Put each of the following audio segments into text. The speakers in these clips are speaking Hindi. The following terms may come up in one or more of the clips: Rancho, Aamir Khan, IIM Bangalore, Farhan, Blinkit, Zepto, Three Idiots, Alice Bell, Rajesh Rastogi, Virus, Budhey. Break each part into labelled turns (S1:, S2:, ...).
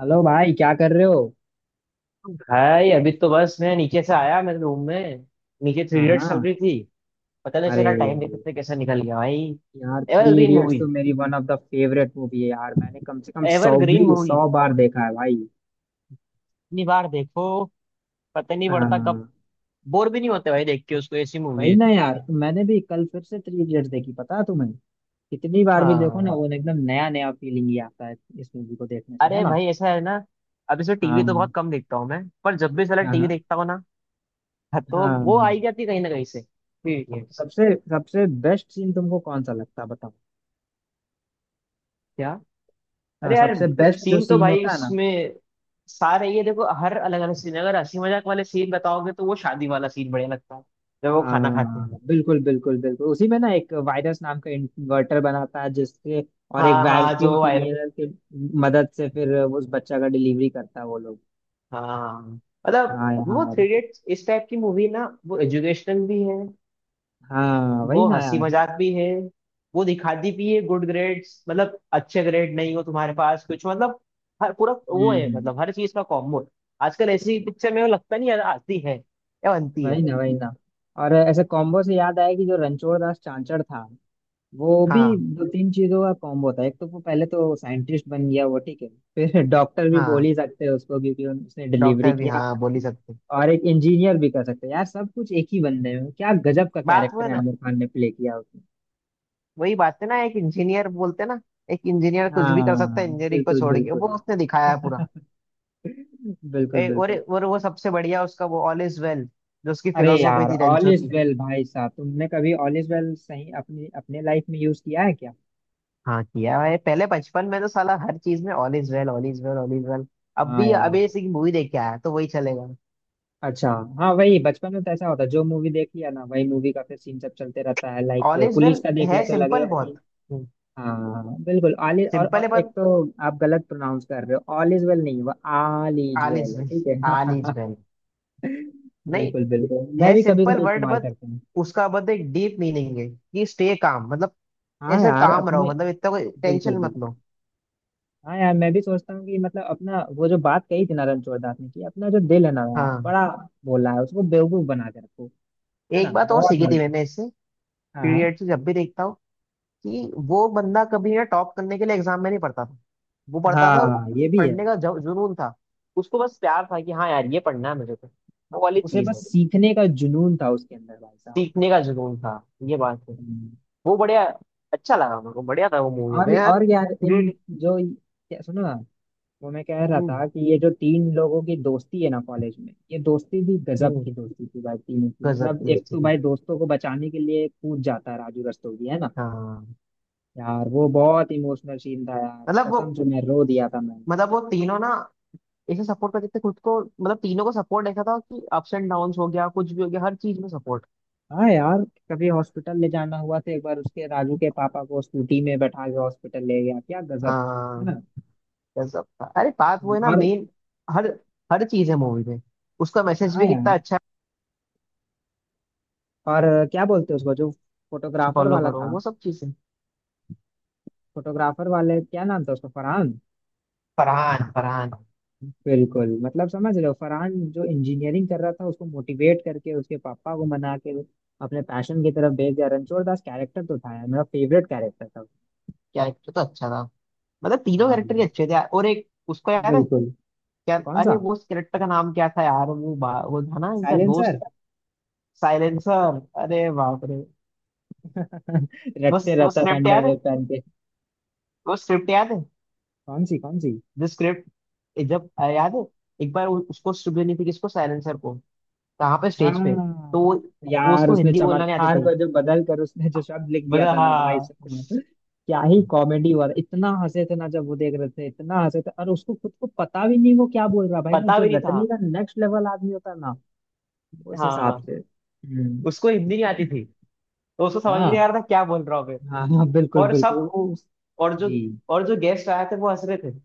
S1: हेलो भाई, क्या कर रहे हो?
S2: भाई, अभी तो बस मैं नीचे से आया मेरे रूम में। नीचे थ्री
S1: हाँ
S2: इडियट्स चल
S1: हाँ।
S2: रही थी। पता नहीं
S1: अरे
S2: चला, टाइम देखते देखते कैसा निकल गया भाई।
S1: यार, थ्री
S2: एवरग्रीन
S1: इडियट्स
S2: मूवी,
S1: तो मेरी one of the favourite movie है यार। मैंने कम से कम सौ
S2: एवरग्रीन
S1: भी
S2: मूवी।
S1: सौ बार देखा है भाई।
S2: इतनी बार देखो, पता नहीं पड़ता कब।
S1: हाँ
S2: बोर भी नहीं होते भाई देख के उसको, ऐसी मूवी
S1: वही
S2: है।
S1: ना यार, मैंने भी कल फिर से थ्री इडियट्स देखी, पता है तुम्हें? कितनी बार भी देखो ना,
S2: हाँ।
S1: वो एकदम नया नया फीलिंग ही आता है इस मूवी को देखने से, है
S2: अरे
S1: ना?
S2: भाई, ऐसा है ना, अब इसे टीवी तो बहुत
S1: हाँ
S2: कम देखता हूँ मैं, पर जब भी साला टीवी
S1: हाँ।
S2: देखता हूँ ना। हाँ, तो
S1: हाँ
S2: वो आई
S1: हाँ।
S2: जाती है कहीं ना कहीं से थ्री इडियट्स।
S1: सबसे सबसे बेस्ट सीन तुमको कौन सा लगता है बताओ। हाँ,
S2: अरे यार,
S1: सबसे बेस्ट जो
S2: सीन तो
S1: सीन
S2: भाई
S1: होता है ना,
S2: उसमें सारे, ये देखो हर अलग अलग सीन है। अगर हंसी मजाक वाले सीन बताओगे तो वो शादी वाला सीन बढ़िया लगता है, जब वो खाना खाते
S1: हाँ
S2: हैं।
S1: बिल्कुल बिल्कुल बिल्कुल। उसी में ना एक वायरस नाम का इन्वर्टर बनाता है जिससे, और एक
S2: हाँ हाँ,
S1: वैक्यूम
S2: जो वायरल।
S1: क्लीनर की मदद से फिर उस बच्चा का डिलीवरी करता है वो लोग।
S2: हाँ हाँ, हाँ। मतलब
S1: हाँ
S2: वो
S1: यार।
S2: थ्री इडियट्स इस टाइप की मूवी ना, वो एजुकेशनल भी है।
S1: हाँ वही
S2: वो
S1: ना
S2: हंसी
S1: यार।
S2: मजाक भी है, वो दिखाती भी है गुड ग्रेड्स, मतलब अच्छे ग्रेड नहीं हो तुम्हारे पास, कुछ मतलब। हर पूरा वो है,
S1: हम्म।
S2: मतलब हर चीज का कॉम्बो। आजकल ऐसी पिक्चर में वो लगता नहीं यार, आती है या बनती
S1: वही
S2: है।
S1: ना वही ना। और ऐसे कॉम्बो से याद आया कि जो रणछोड़ दास चांचड़ था, वो भी
S2: हाँ
S1: दो तीन चीजों का कॉम्बो होता है। एक तो वो पहले तो साइंटिस्ट बन गया, वो ठीक है। फिर डॉक्टर भी बोल
S2: हाँ।
S1: ही सकते हैं उसको क्योंकि उसने डिलीवरी
S2: डॉक्टर भी
S1: किया।
S2: हाँ बोल ही सकते।
S1: और एक इंजीनियर भी कर सकते हैं यार। सब कुछ एक ही बंदे में, क्या गजब का
S2: बात
S1: कैरेक्टर
S2: हुआ
S1: है,
S2: ना,
S1: आमिर खान ने प्ले किया उसमें।
S2: वही बात है ना, एक इंजीनियर बोलते ना, एक इंजीनियर कुछ भी कर सकता
S1: हाँ
S2: है इंजीनियरिंग को
S1: बिल्कुल
S2: छोड़ के, वो
S1: बिल्कुल।
S2: उसने दिखाया है पूरा।
S1: बिल्कुल
S2: और
S1: बिल्कुल।
S2: और वो सबसे बढ़िया उसका, वो ऑल इज वेल, जो उसकी
S1: अरे
S2: फिलोसॉफी
S1: यार
S2: थी
S1: ऑल
S2: रेंचो
S1: इज
S2: की।
S1: वेल, भाई साहब तुमने कभी ऑल इज वेल सही अपनी अपने लाइफ में यूज किया है क्या?
S2: हाँ, किया है। पहले बचपन में तो साला हर चीज में all is well, all is well, all is well. अब
S1: हाँ
S2: भी,
S1: यार।
S2: अभी ऐसी मूवी देख के आया तो वही चलेगा।
S1: अच्छा। हाँ, वही बचपन में तो ऐसा होता है, जो मूवी देख लिया ना वही मूवी का फिर सीन सब चलते रहता है। Like
S2: all is well.
S1: Police का देख लिया
S2: है
S1: तो
S2: सिंपल
S1: लगेगा
S2: बहुत।
S1: कि हाँ बिल्कुल ऑल इज। और,
S2: सिंपल है
S1: और एक
S2: बहुत।
S1: तो आप गलत प्रोनाउंस कर रहे हो। ऑल इज वेल नहीं, वो all is
S2: all
S1: well
S2: is
S1: है,
S2: वेल।
S1: ठीक है।
S2: ऑल इज वेल नहीं।
S1: बिल्कुल बिल्कुल, मैं
S2: है
S1: भी कभी
S2: सिंपल
S1: कभी
S2: वर्ड,
S1: इस्तेमाल
S2: बट
S1: करता हूँ।
S2: उसका मतलब एक डीप मीनिंग है, कि स्टे काम, मतलब
S1: हाँ
S2: ऐसे
S1: यार
S2: काम रहो,
S1: अपने।
S2: मतलब इतना कोई
S1: बिल्कुल
S2: टेंशन मत
S1: बिल्कुल।
S2: लो।
S1: हाँ यार, मैं भी सोचता हूँ कि मतलब अपना वो जो बात कही थी ना रणछोड़दास ने कि अपना जो दिल है ना यार
S2: हाँ,
S1: बड़ा बोला है, उसको बेवकूफ बना के रखो। है
S2: एक
S1: ना,
S2: बात और
S1: बहुत
S2: सीखी थी
S1: मदद।
S2: मैंने इससे,
S1: हाँ हाँ।
S2: पीरियड से जब भी देखता हूँ, कि वो बंदा कभी ना टॉप करने के लिए एग्जाम में नहीं पढ़ता था, वो पढ़ता था।
S1: हाँ ये भी है।
S2: पढ़ने का जुनून था। उसको बस प्यार था, कि हाँ यार, ये पढ़ना है मुझे तो, वो वाली
S1: उसे
S2: चीज
S1: बस
S2: है।
S1: सीखने का जुनून था उसके अंदर भाई साहब।
S2: सीखने का जुनून था, ये बात है।
S1: हम्म।
S2: वो बढ़िया, अच्छा लगा मेरे को, बढ़िया था वो मूवी में यार।
S1: और यार इन
S2: Creed-
S1: जो, क्या सुनो ना, वो मैं कह रहा
S2: हम्म,
S1: था कि ये जो तीन लोगों की दोस्ती है ना कॉलेज में, ये दोस्ती भी गजब
S2: हम्म,
S1: की दोस्ती थी भाई तीनों की।
S2: गजब
S1: मतलब
S2: की
S1: एक
S2: उसकी
S1: तो
S2: थी।
S1: भाई दोस्तों को बचाने के लिए कूद जाता है, राजू रस्तोगी है ना।
S2: हाँ।
S1: यार वो बहुत इमोशनल सीन था यार,
S2: मतलब
S1: कसम
S2: वो
S1: से मैं रो दिया था मैंने।
S2: मतलब वो तीनों ना, ऐसे सपोर्ट करते थे खुद को, मतलब तीनों को सपोर्ट ऐसा था, कि अप्स एंड डाउन हो गया, कुछ भी हो गया, हर चीज में सपोर्ट।
S1: हाँ यार, कभी हॉस्पिटल ले जाना हुआ तो एक बार उसके राजू के पापा को स्कूटी में बैठा के हॉस्पिटल ले गया, क्या गजब है
S2: हाँ,
S1: ना।
S2: गजब था। अरे बात वो है ना
S1: और
S2: मेन, हर हर चीज है मूवी में, उसका मैसेज
S1: हाँ
S2: भी
S1: यार।
S2: कितना अच्छा
S1: और क्या बोलते हैं उसको, जो
S2: है,
S1: फोटोग्राफर
S2: फॉलो
S1: वाला
S2: करो
S1: था,
S2: वो सब चीजें।
S1: फोटोग्राफर वाले क्या नाम था उसका, फरहान।
S2: फरहान, फरहान।
S1: बिल्कुल। मतलब समझ रहे हो, फरहान जो इंजीनियरिंग कर रहा था उसको मोटिवेट करके उसके पापा को मना के अपने पैशन की तरफ भेज दिया। रणछोड़ दास कैरेक्टर तो था यार मेरा फेवरेट कैरेक्टर था।
S2: कैरेक्टर तो अच्छा था, मतलब तीनों
S1: हाँ
S2: कैरेक्टर ही अच्छे थे, और एक उसको याद है
S1: बिल्कुल।
S2: क्या,
S1: कौन
S2: अरे
S1: सा?
S2: वो उस कैरेक्टर का नाम क्या था यार, वो वो था ना इनका
S1: साइलेंसर।
S2: दोस्त। साइलेंसर, अरे बाप रे। बस
S1: रटते
S2: वो
S1: रहता था
S2: स्क्रिप्ट याद है,
S1: अंडरवेयर पहन के।
S2: वो स्क्रिप्ट याद है।
S1: कौन सी कौन सी?
S2: जो स्क्रिप्ट, जब याद है, एक बार उसको स्टूडियो नहीं थी, किसको, सायरन सर को। कहाँ पे, स्टेज पे।
S1: हाँ
S2: तो वो
S1: यार
S2: उसको
S1: उसने
S2: हिंदी बोलना नहीं आती
S1: चमत्कार
S2: थी,
S1: को जो बदल कर उसने जो शब्द लिख दिया
S2: मतलब
S1: था ना भाई
S2: हाँ।
S1: साहब, क्या ही कॉमेडी हुआ था। इतना हंसे थे ना जब वो देख रहे थे, इतना हंसे थे। और उसको खुद को पता भी नहीं वो क्या बोल रहा भाई ना,
S2: पता
S1: जो
S2: भी नहीं था।
S1: रटने का नेक्स्ट लेवल आदमी होता है ना
S2: हाँ,
S1: उस
S2: हाँ,
S1: हिसाब से।
S2: हाँ।
S1: हम्म।
S2: उसको हिंदी नहीं आती थी, तो उसको समझ भी नहीं
S1: हाँ
S2: आ रहा था क्या बोल रहा हूँ मैं।
S1: हाँ हाँ बिल्कुल
S2: और
S1: बिल्कुल।
S2: सब और जो
S1: जी।
S2: और जो गेस्ट आए थे, वो हंस रहे थे।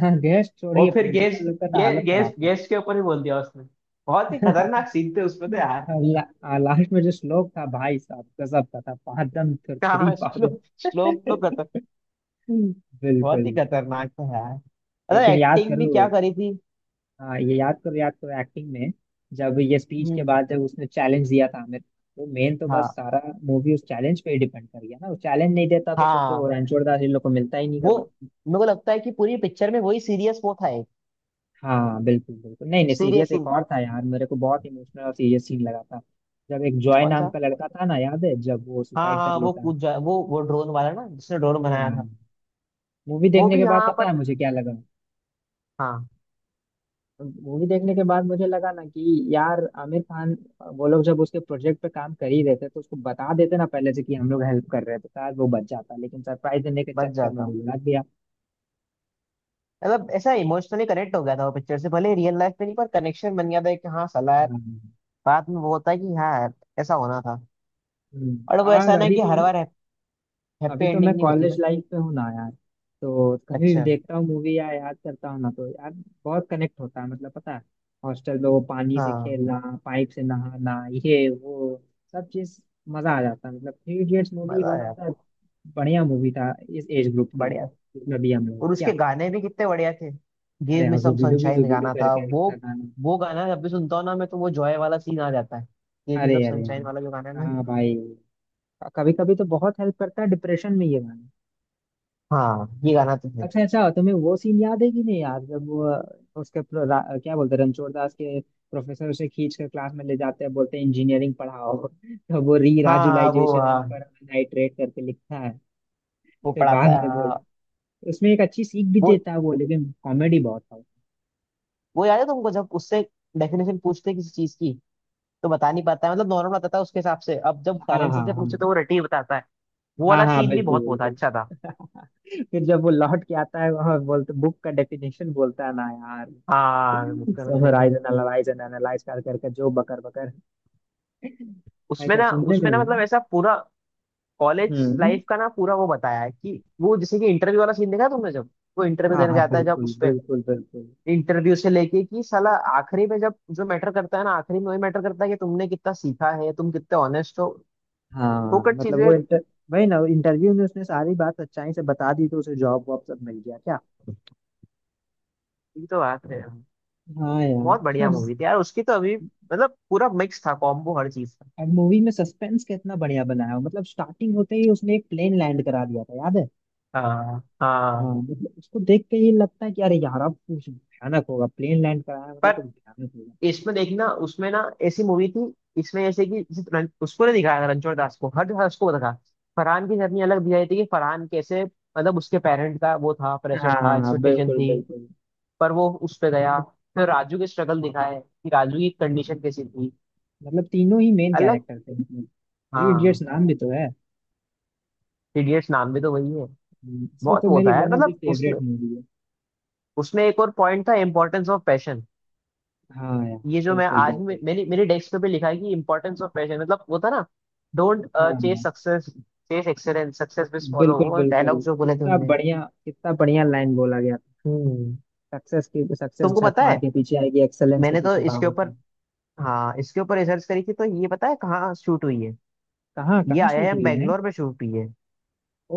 S1: हाँ गेस्ट
S2: और
S1: छोड़िए,
S2: फिर गेस्ट
S1: प्रिंसिपल लोग का तो
S2: गे,
S1: हालत खराब
S2: गेस्ट
S1: था।
S2: गेस्ट के ऊपर ही बोल दिया उसने। बहुत ही खतरनाक सीन थे उसमें तो यार।
S1: और लास्ट में जो श्लोक था भाई साहब गजब का था, पादम थुरथुरी
S2: कहाँ
S1: पादम।
S2: श्लोक, श्लोक तो खतर
S1: हम्म। बिल्कुल।
S2: बहुत ही खतरनाक था यार, मतलब
S1: लेकिन याद
S2: एक्टिंग भी
S1: करो।
S2: क्या करी थी।
S1: हाँ ये याद करो, याद करो एक्टिंग में, जब ये स्पीच के
S2: हम्म।
S1: बाद जब उसने चैलेंज दिया था आमिर, वो मेन तो बस
S2: हाँ
S1: सारा मूवी उस चैलेंज पे ही डिपेंड कर गया ना। वो चैलेंज नहीं देता तो सोचो
S2: हाँ,
S1: रणछोड़ दास इन लोग को मिलता ही नहीं
S2: वो
S1: कभी।
S2: मेरे को लगता है कि पूरी पिक्चर में वही सीरियस वो था एक।
S1: हाँ बिल्कुल बिल्कुल। नहीं नहीं
S2: सीरियस
S1: सीरियस एक
S2: सीन,
S1: और था यार, मेरे को बहुत इमोशनल और सीरियस सीन लगा था, जब एक जॉय
S2: कौन
S1: नाम
S2: सा?
S1: का लड़का था ना, याद है जब वो
S2: हाँ
S1: सुसाइड कर
S2: हाँ, वो
S1: लेता है।
S2: कूद जा, वो ड्रोन वाला ना, जिसने ड्रोन बनाया था।
S1: हाँ। मूवी
S2: वो
S1: देखने
S2: भी
S1: के बाद
S2: यहाँ
S1: पता
S2: पर।
S1: है मुझे क्या लगा,
S2: हाँ,
S1: मूवी देखने के बाद मुझे लगा ना कि यार आमिर खान, वो लोग जब उसके प्रोजेक्ट पे काम कर ही रहे थे तो उसको बता देते ना पहले से कि हम लोग हेल्प कर रहे हैं, तो शायद वो बच जाता। लेकिन सरप्राइज देने के
S2: बच
S1: चक्कर में
S2: जाता
S1: वो
S2: हूँ।
S1: लगा गया।
S2: मतलब ऐसा इमोशनली कनेक्ट हो गया था वो पिक्चर से, भले रियल लाइफ में नहीं, पर कनेक्शन बन गया था कि हाँ साला यार,
S1: हाँ।
S2: बाद में वो होता है कि हाँ यार, ऐसा होना था। और
S1: हम्म।
S2: वो
S1: और
S2: ऐसा ना,
S1: अभी
S2: कि
S1: तो,
S2: हर बार हैप्पी
S1: अभी तो मैं
S2: एंडिंग नहीं होती
S1: कॉलेज
S2: ना।
S1: लाइफ पे हूँ ना यार, तो कभी भी
S2: अच्छा।
S1: देखता हूँ मूवी या याद करता हूँ ना तो यार बहुत कनेक्ट होता है। मतलब पता है, हॉस्टल में वो पानी से
S2: हाँ,
S1: खेलना, पाइप से नहाना, ये वो सब चीज मजा आ जाता है। मतलब थ्री इडियट्स मूवी
S2: मजा
S1: वन ऑफ
S2: आया
S1: द
S2: था।
S1: बढ़िया मूवी था इस एज ग्रुप के लिए,
S2: बढ़िया।
S1: जिसमें भी हम लोग
S2: और उसके
S1: क्या।
S2: गाने भी कितने बढ़िया थे।
S1: अरे
S2: गिव
S1: हाँ,
S2: मी सम
S1: जुबिडू भी
S2: सनशाइन
S1: जुबिडू
S2: गाना था
S1: करके एक
S2: वो।
S1: था गाना।
S2: वो गाना जब भी सुनता हूँ ना मैं, तो वो जॉय वाला सीन आ जाता है। गिव मी
S1: अरे
S2: सम
S1: अरे
S2: सनशाइन
S1: अरे,
S2: वाला जो गाना है ना।
S1: हाँ भाई, कभी कभी तो बहुत हेल्प करता है डिप्रेशन में ये गाना।
S2: हाँ, ये गाना तो है।
S1: अच्छा अच्छा, तुम्हें वो सीन याद है कि नहीं यार, जब वो क्या बोलते हैं रणछोड़ दास के प्रोफेसर उसे खींच कर क्लास में ले जाते हैं, बोलते हैं इंजीनियरिंग पढ़ाओ। तो वो री
S2: हाँ हाँ, वो
S1: राजुलाइजेशन एंड
S2: हाँ।
S1: फॉर्मलाइट्रेट करके लिखता है।
S2: वो
S1: फिर
S2: पढ़ाता
S1: बाद
S2: है,
S1: में
S2: हाँ
S1: बोल,
S2: हाँ।
S1: उसमें एक अच्छी सीख भी
S2: वो
S1: देता है वो, लेकिन कॉमेडी बहुत था।
S2: वो याद है तुमको, जब उससे डेफिनेशन पूछते हैं किसी चीज की, तो बता नहीं पाता है, मतलब नॉर्मल बताता है उसके हिसाब से। अब जब
S1: हाँ
S2: साइलेंस से
S1: हाँ
S2: पूछते,
S1: हाँ
S2: तो वो रटी हुई बताता है। वो
S1: हाँ
S2: वाला
S1: हाँ
S2: सीन भी
S1: बिल्कुल
S2: बहुत वो था,
S1: बिल्कुल।
S2: अच्छा था।
S1: फिर जब वो लौट के आता है वहां, बोलते बुक का डेफिनेशन बोलता है ना यार,
S2: हाँ, मुक्का नंदन
S1: समराइज
S2: एकदम।
S1: एनालाइज एंड एनालाइज कर करके जो बकर बकर,
S2: उसमें
S1: ऐसा
S2: ना
S1: सुनने में
S2: उसमें ना
S1: वो।
S2: मतलब ऐसा पूरा कॉलेज
S1: हम्म।
S2: लाइफ का ना, पूरा वो बताया है, कि वो जैसे कि इंटरव्यू वाला सीन देखा है तुमने, जब वो इंटरव्यू
S1: हाँ
S2: देने
S1: हाँ
S2: जाता है, जब
S1: बिल्कुल
S2: उस पे,
S1: बिल्कुल बिल्कुल।
S2: इंटरव्यू से लेके कि साला, आखिरी में जब जो मैटर करता है ना, आखिरी में वही मैटर करता है, कि तुमने कितना सीखा है, तुम कितने ऑनेस्ट हो।
S1: हाँ
S2: फोकट
S1: मतलब वो
S2: चीजें।
S1: इंटर, वही ना इंटरव्यू में उसने सारी बात सच्चाई से बता दी तो उसे जॉब वॉब सब मिल गया क्या।
S2: ये तो बात है।
S1: हाँ
S2: बहुत बढ़िया
S1: यार।
S2: मूवी थी यार उसकी तो, अभी मतलब पूरा मिक्स था, कॉम्बो हर चीज का।
S1: हर मूवी में सस्पेंस कितना बढ़िया बनाया है। मतलब स्टार्टिंग होते ही उसने एक प्लेन लैंड करा दिया था, याद है?
S2: हाँ हाँ,
S1: हाँ मतलब उसको देख के ये लगता है कि अरे यार अब कुछ भयानक होगा, प्लेन लैंड कराया है, मतलब
S2: पर
S1: कुछ भयानक होगा।
S2: इसमें देखना, उसमें ना ऐसी मूवी थी। इसमें ऐसे कि जैसे उसको नहीं दिखाया था रणछोड़ दास को, हर दास को दिखा। फरहान की जर्नी अलग दिखाई थी, कि फरहान कैसे, मतलब उसके पेरेंट का वो था, प्रेशर था,
S1: हाँ
S2: एक्सपेक्टेशन
S1: बिल्कुल
S2: थी।
S1: बिल्कुल।
S2: पर वो उस पे गया। फिर राजू के स्ट्रगल दिखाए, कि राजू की कंडीशन कैसी थी।
S1: मतलब तीनों ही मेन
S2: अलग।
S1: कैरेक्टर थे, मतलब थ्री
S2: हाँ,
S1: इडियट्स नाम भी तो है।
S2: इडियट्स नाम भी तो वही है।
S1: इसलिए
S2: बहुत
S1: तो
S2: वो
S1: मेरी
S2: था यार,
S1: वन ऑफ द
S2: मतलब उसमें
S1: फेवरेट मूवी है।
S2: उसमें एक और पॉइंट था, इंपॉर्टेंस ऑफ पैशन।
S1: हाँ यार।
S2: ये जो मैं
S1: बिल्कुल बिल्कुल।
S2: मेरी मेरी डेस्क पे लिखा है, कि इंपॉर्टेंस ऑफ पैशन, मतलब वो था ना, डोंट
S1: हाँ
S2: चेस
S1: हाँ।
S2: Success, chase excellence, success will follow,
S1: बिल्कुल
S2: वो
S1: बिल्कुल,
S2: डायलॉग जो बोले थे
S1: कितना
S2: उनने।
S1: बढ़िया, कितना बढ़िया लाइन बोला गया।
S2: हम्म।
S1: सक्सेस की सक्सेस
S2: तुमको
S1: झक
S2: पता
S1: मार
S2: है,
S1: के पीछे आएगी, एक्सेलेंस के
S2: मैंने तो
S1: पीछे
S2: इसके
S1: भागो
S2: ऊपर,
S1: तुम।
S2: हाँ, इसके ऊपर रिसर्च करी थी, तो ये पता है कहाँ शूट हुई है।
S1: कहाँ
S2: ये
S1: कहाँ शूट
S2: आईआईएम
S1: हुई है?
S2: बैंगलोर में शूट हुई है।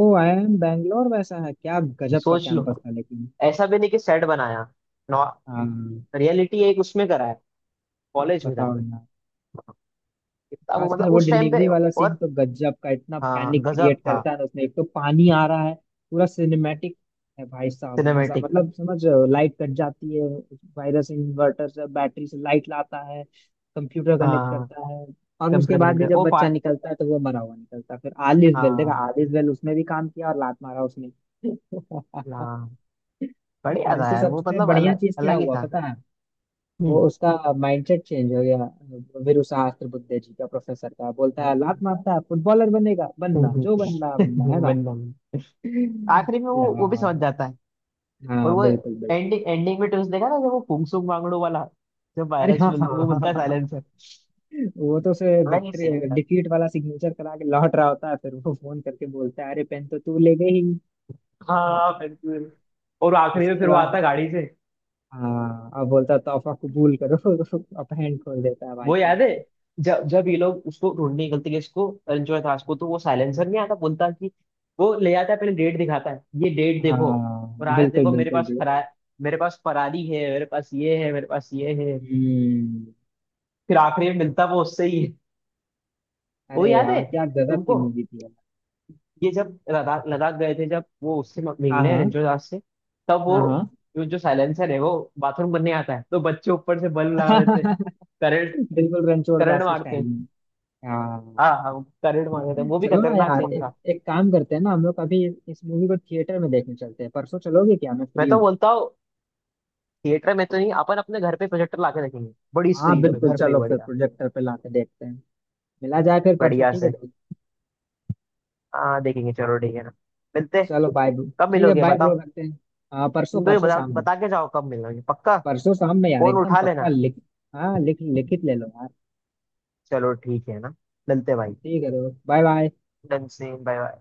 S1: O I M बैंगलोर वैसा है क्या, गजब का
S2: सोच लो,
S1: कैंपस था लेकिन।
S2: ऐसा भी नहीं कि सेट बनाया, नॉ।
S1: हाँ
S2: रियलिटी एक उसमें करा है, कॉलेज में
S1: बताओ
S2: जाके।
S1: यार।
S2: कितना वो,
S1: खासकर
S2: मतलब
S1: वो
S2: उस टाइम पे।
S1: डिलीवरी वाला सीन
S2: और
S1: तो गजब का, इतना
S2: हाँ,
S1: पैनिक
S2: गजब
S1: क्रिएट
S2: था।
S1: करता है ना उसमें। एक तो पानी आ रहा है, पूरा सिनेमैटिक है भाई साहब, मजा
S2: सिनेमेटिक।
S1: मतलब समझ। लाइट कट जाती है, वायरस इन्वर्टर से बैटरी से लाइट लाता है, कंप्यूटर कनेक्ट
S2: हाँ,
S1: करता है। और उसके
S2: कंप्यूटर
S1: बाद
S2: कनेक्ट
S1: भी
S2: कर,
S1: जब
S2: ओ पा।
S1: बच्चा निकलता है तो वो मरा हुआ निकलता है, फिर आलिस बेल देखा
S2: हाँ
S1: आलिस बेल उसमें भी काम किया और लात मारा उसने।
S2: हाँ, बढ़िया
S1: और
S2: था
S1: इससे
S2: यार वो,
S1: सबसे
S2: मतलब
S1: बढ़िया
S2: अलग
S1: चीज क्या
S2: अलग ही
S1: हुआ
S2: था।
S1: पता है, वो
S2: हम्म।
S1: उसका माइंडसेट चेंज हो गया। वीरूशास्त्र बुद्धे जी का प्रोफेसर का, बोलता है लात
S2: हाँ।
S1: मारता है, फुटबॉलर बनेगा
S2: हम्म,
S1: बनना जो बनना बनना है
S2: हम्म,
S1: ना
S2: बनना भी। आखिरी में वो भी समझ
S1: यार।
S2: जाता है। और
S1: हाँ
S2: वो
S1: बिल्कुल बिल्कुल।
S2: एंडिंग एंडिंग में ट्विस्ट देखा ना, जब वो फुंगसुक मांगड़ू वाला,
S1: अरे हाँ हाँ हाँ,
S2: वो
S1: हाँ,
S2: मिलता है
S1: हाँ। हाँ।
S2: साइलेंसर।
S1: वो तो उसे
S2: अलग ही
S1: विक्ट्री
S2: सीन था।
S1: डिफीट वाला सिग्नेचर करा के लौट रहा होता है, फिर वो फोन करके बोलता है अरे पेन तो तू ले गई।
S2: हाँ बिल्कुल। और आखिरी में
S1: उसके
S2: फिर वो आता
S1: बाद
S2: है गाड़ी से।
S1: हाँ, अब बोलता है, तोहफा कबूल करो। अब हैंड खोल देता है भाई
S2: वो याद है,
S1: साहब।
S2: जब जब ये लोग उसको ढूंढने निकलते हैं, इसको रंजोय दास को, तो वो साइलेंसर नहीं आता, बोलता है कि वो ले आता है, पहले डेट दिखाता है, ये डेट देखो,
S1: हाँ
S2: और आज
S1: बिल्कुल
S2: देखो, मेरे
S1: बिल्कुल
S2: पास
S1: बिल्कुल।
S2: फरा मेरे पास फरारी है, मेरे पास ये है, मेरे पास ये है।
S1: हम्म।
S2: फिर आखिरी में मिलता वो उससे ही है। वो
S1: अरे
S2: याद है
S1: यार क्या गजब की
S2: तुमको,
S1: मूवी थी।
S2: ये जब लद्दाख लद्दाख गए थे, जब वो उससे
S1: हाँ
S2: मिलने
S1: हाँ
S2: रंजोय दास से, तब वो,
S1: हाँ
S2: जो जो साइलेंसर है, वो बाथरूम करने आता है, तो बच्चे ऊपर से बल्ब लगा
S1: हाँ।
S2: देते, करंट
S1: बिल्कुल, रणछोड़
S2: करंट
S1: दास के
S2: मारते
S1: स्टाइल
S2: हैं।
S1: में। हाँ,
S2: हाँ हाँ, करंट मार देते हैं, वो भी
S1: चलो ना
S2: खतरनाक
S1: यार,
S2: सीन
S1: एक
S2: था।
S1: एक काम करते हैं ना हम लोग, अभी इस मूवी को थिएटर में देखने चलते हैं, परसों चलोगे क्या, मैं
S2: मैं
S1: फ्री
S2: तो
S1: हूँ।
S2: बोलता हूँ, थिएटर में तो नहीं, अपन अपने घर पे प्रोजेक्टर लाके देखेंगे, बड़ी
S1: हाँ
S2: स्क्रीन पे,
S1: बिल्कुल,
S2: घर पे
S1: चलो फिर
S2: बढ़िया।
S1: प्रोजेक्टर पे लाके देखते हैं। मिला जाए फिर परसों,
S2: बढ़िया
S1: ठीक है
S2: से।
S1: भाई।
S2: हाँ, देखेंगे, चलो ठीक है ना। मिलते हैं।
S1: चलो बाय ब्रो।
S2: कब
S1: ठीक है
S2: मिलोगे
S1: बाय
S2: बताओ।
S1: ब्रो, रखते हैं। हाँ परसों
S2: तुम तो
S1: परसों
S2: बता
S1: शाम में।
S2: बता के जाओ, कब मिलोगे पक्का।
S1: परसों शाम में यार,
S2: फोन
S1: एकदम
S2: उठा
S1: पक्का
S2: लेना।
S1: लिख। हाँ लिख लिखित ले लो यार।
S2: चलो ठीक है ना, मिलते हैं भाई।
S1: ठीक है bro bye bye.
S2: Done, same, bye bye.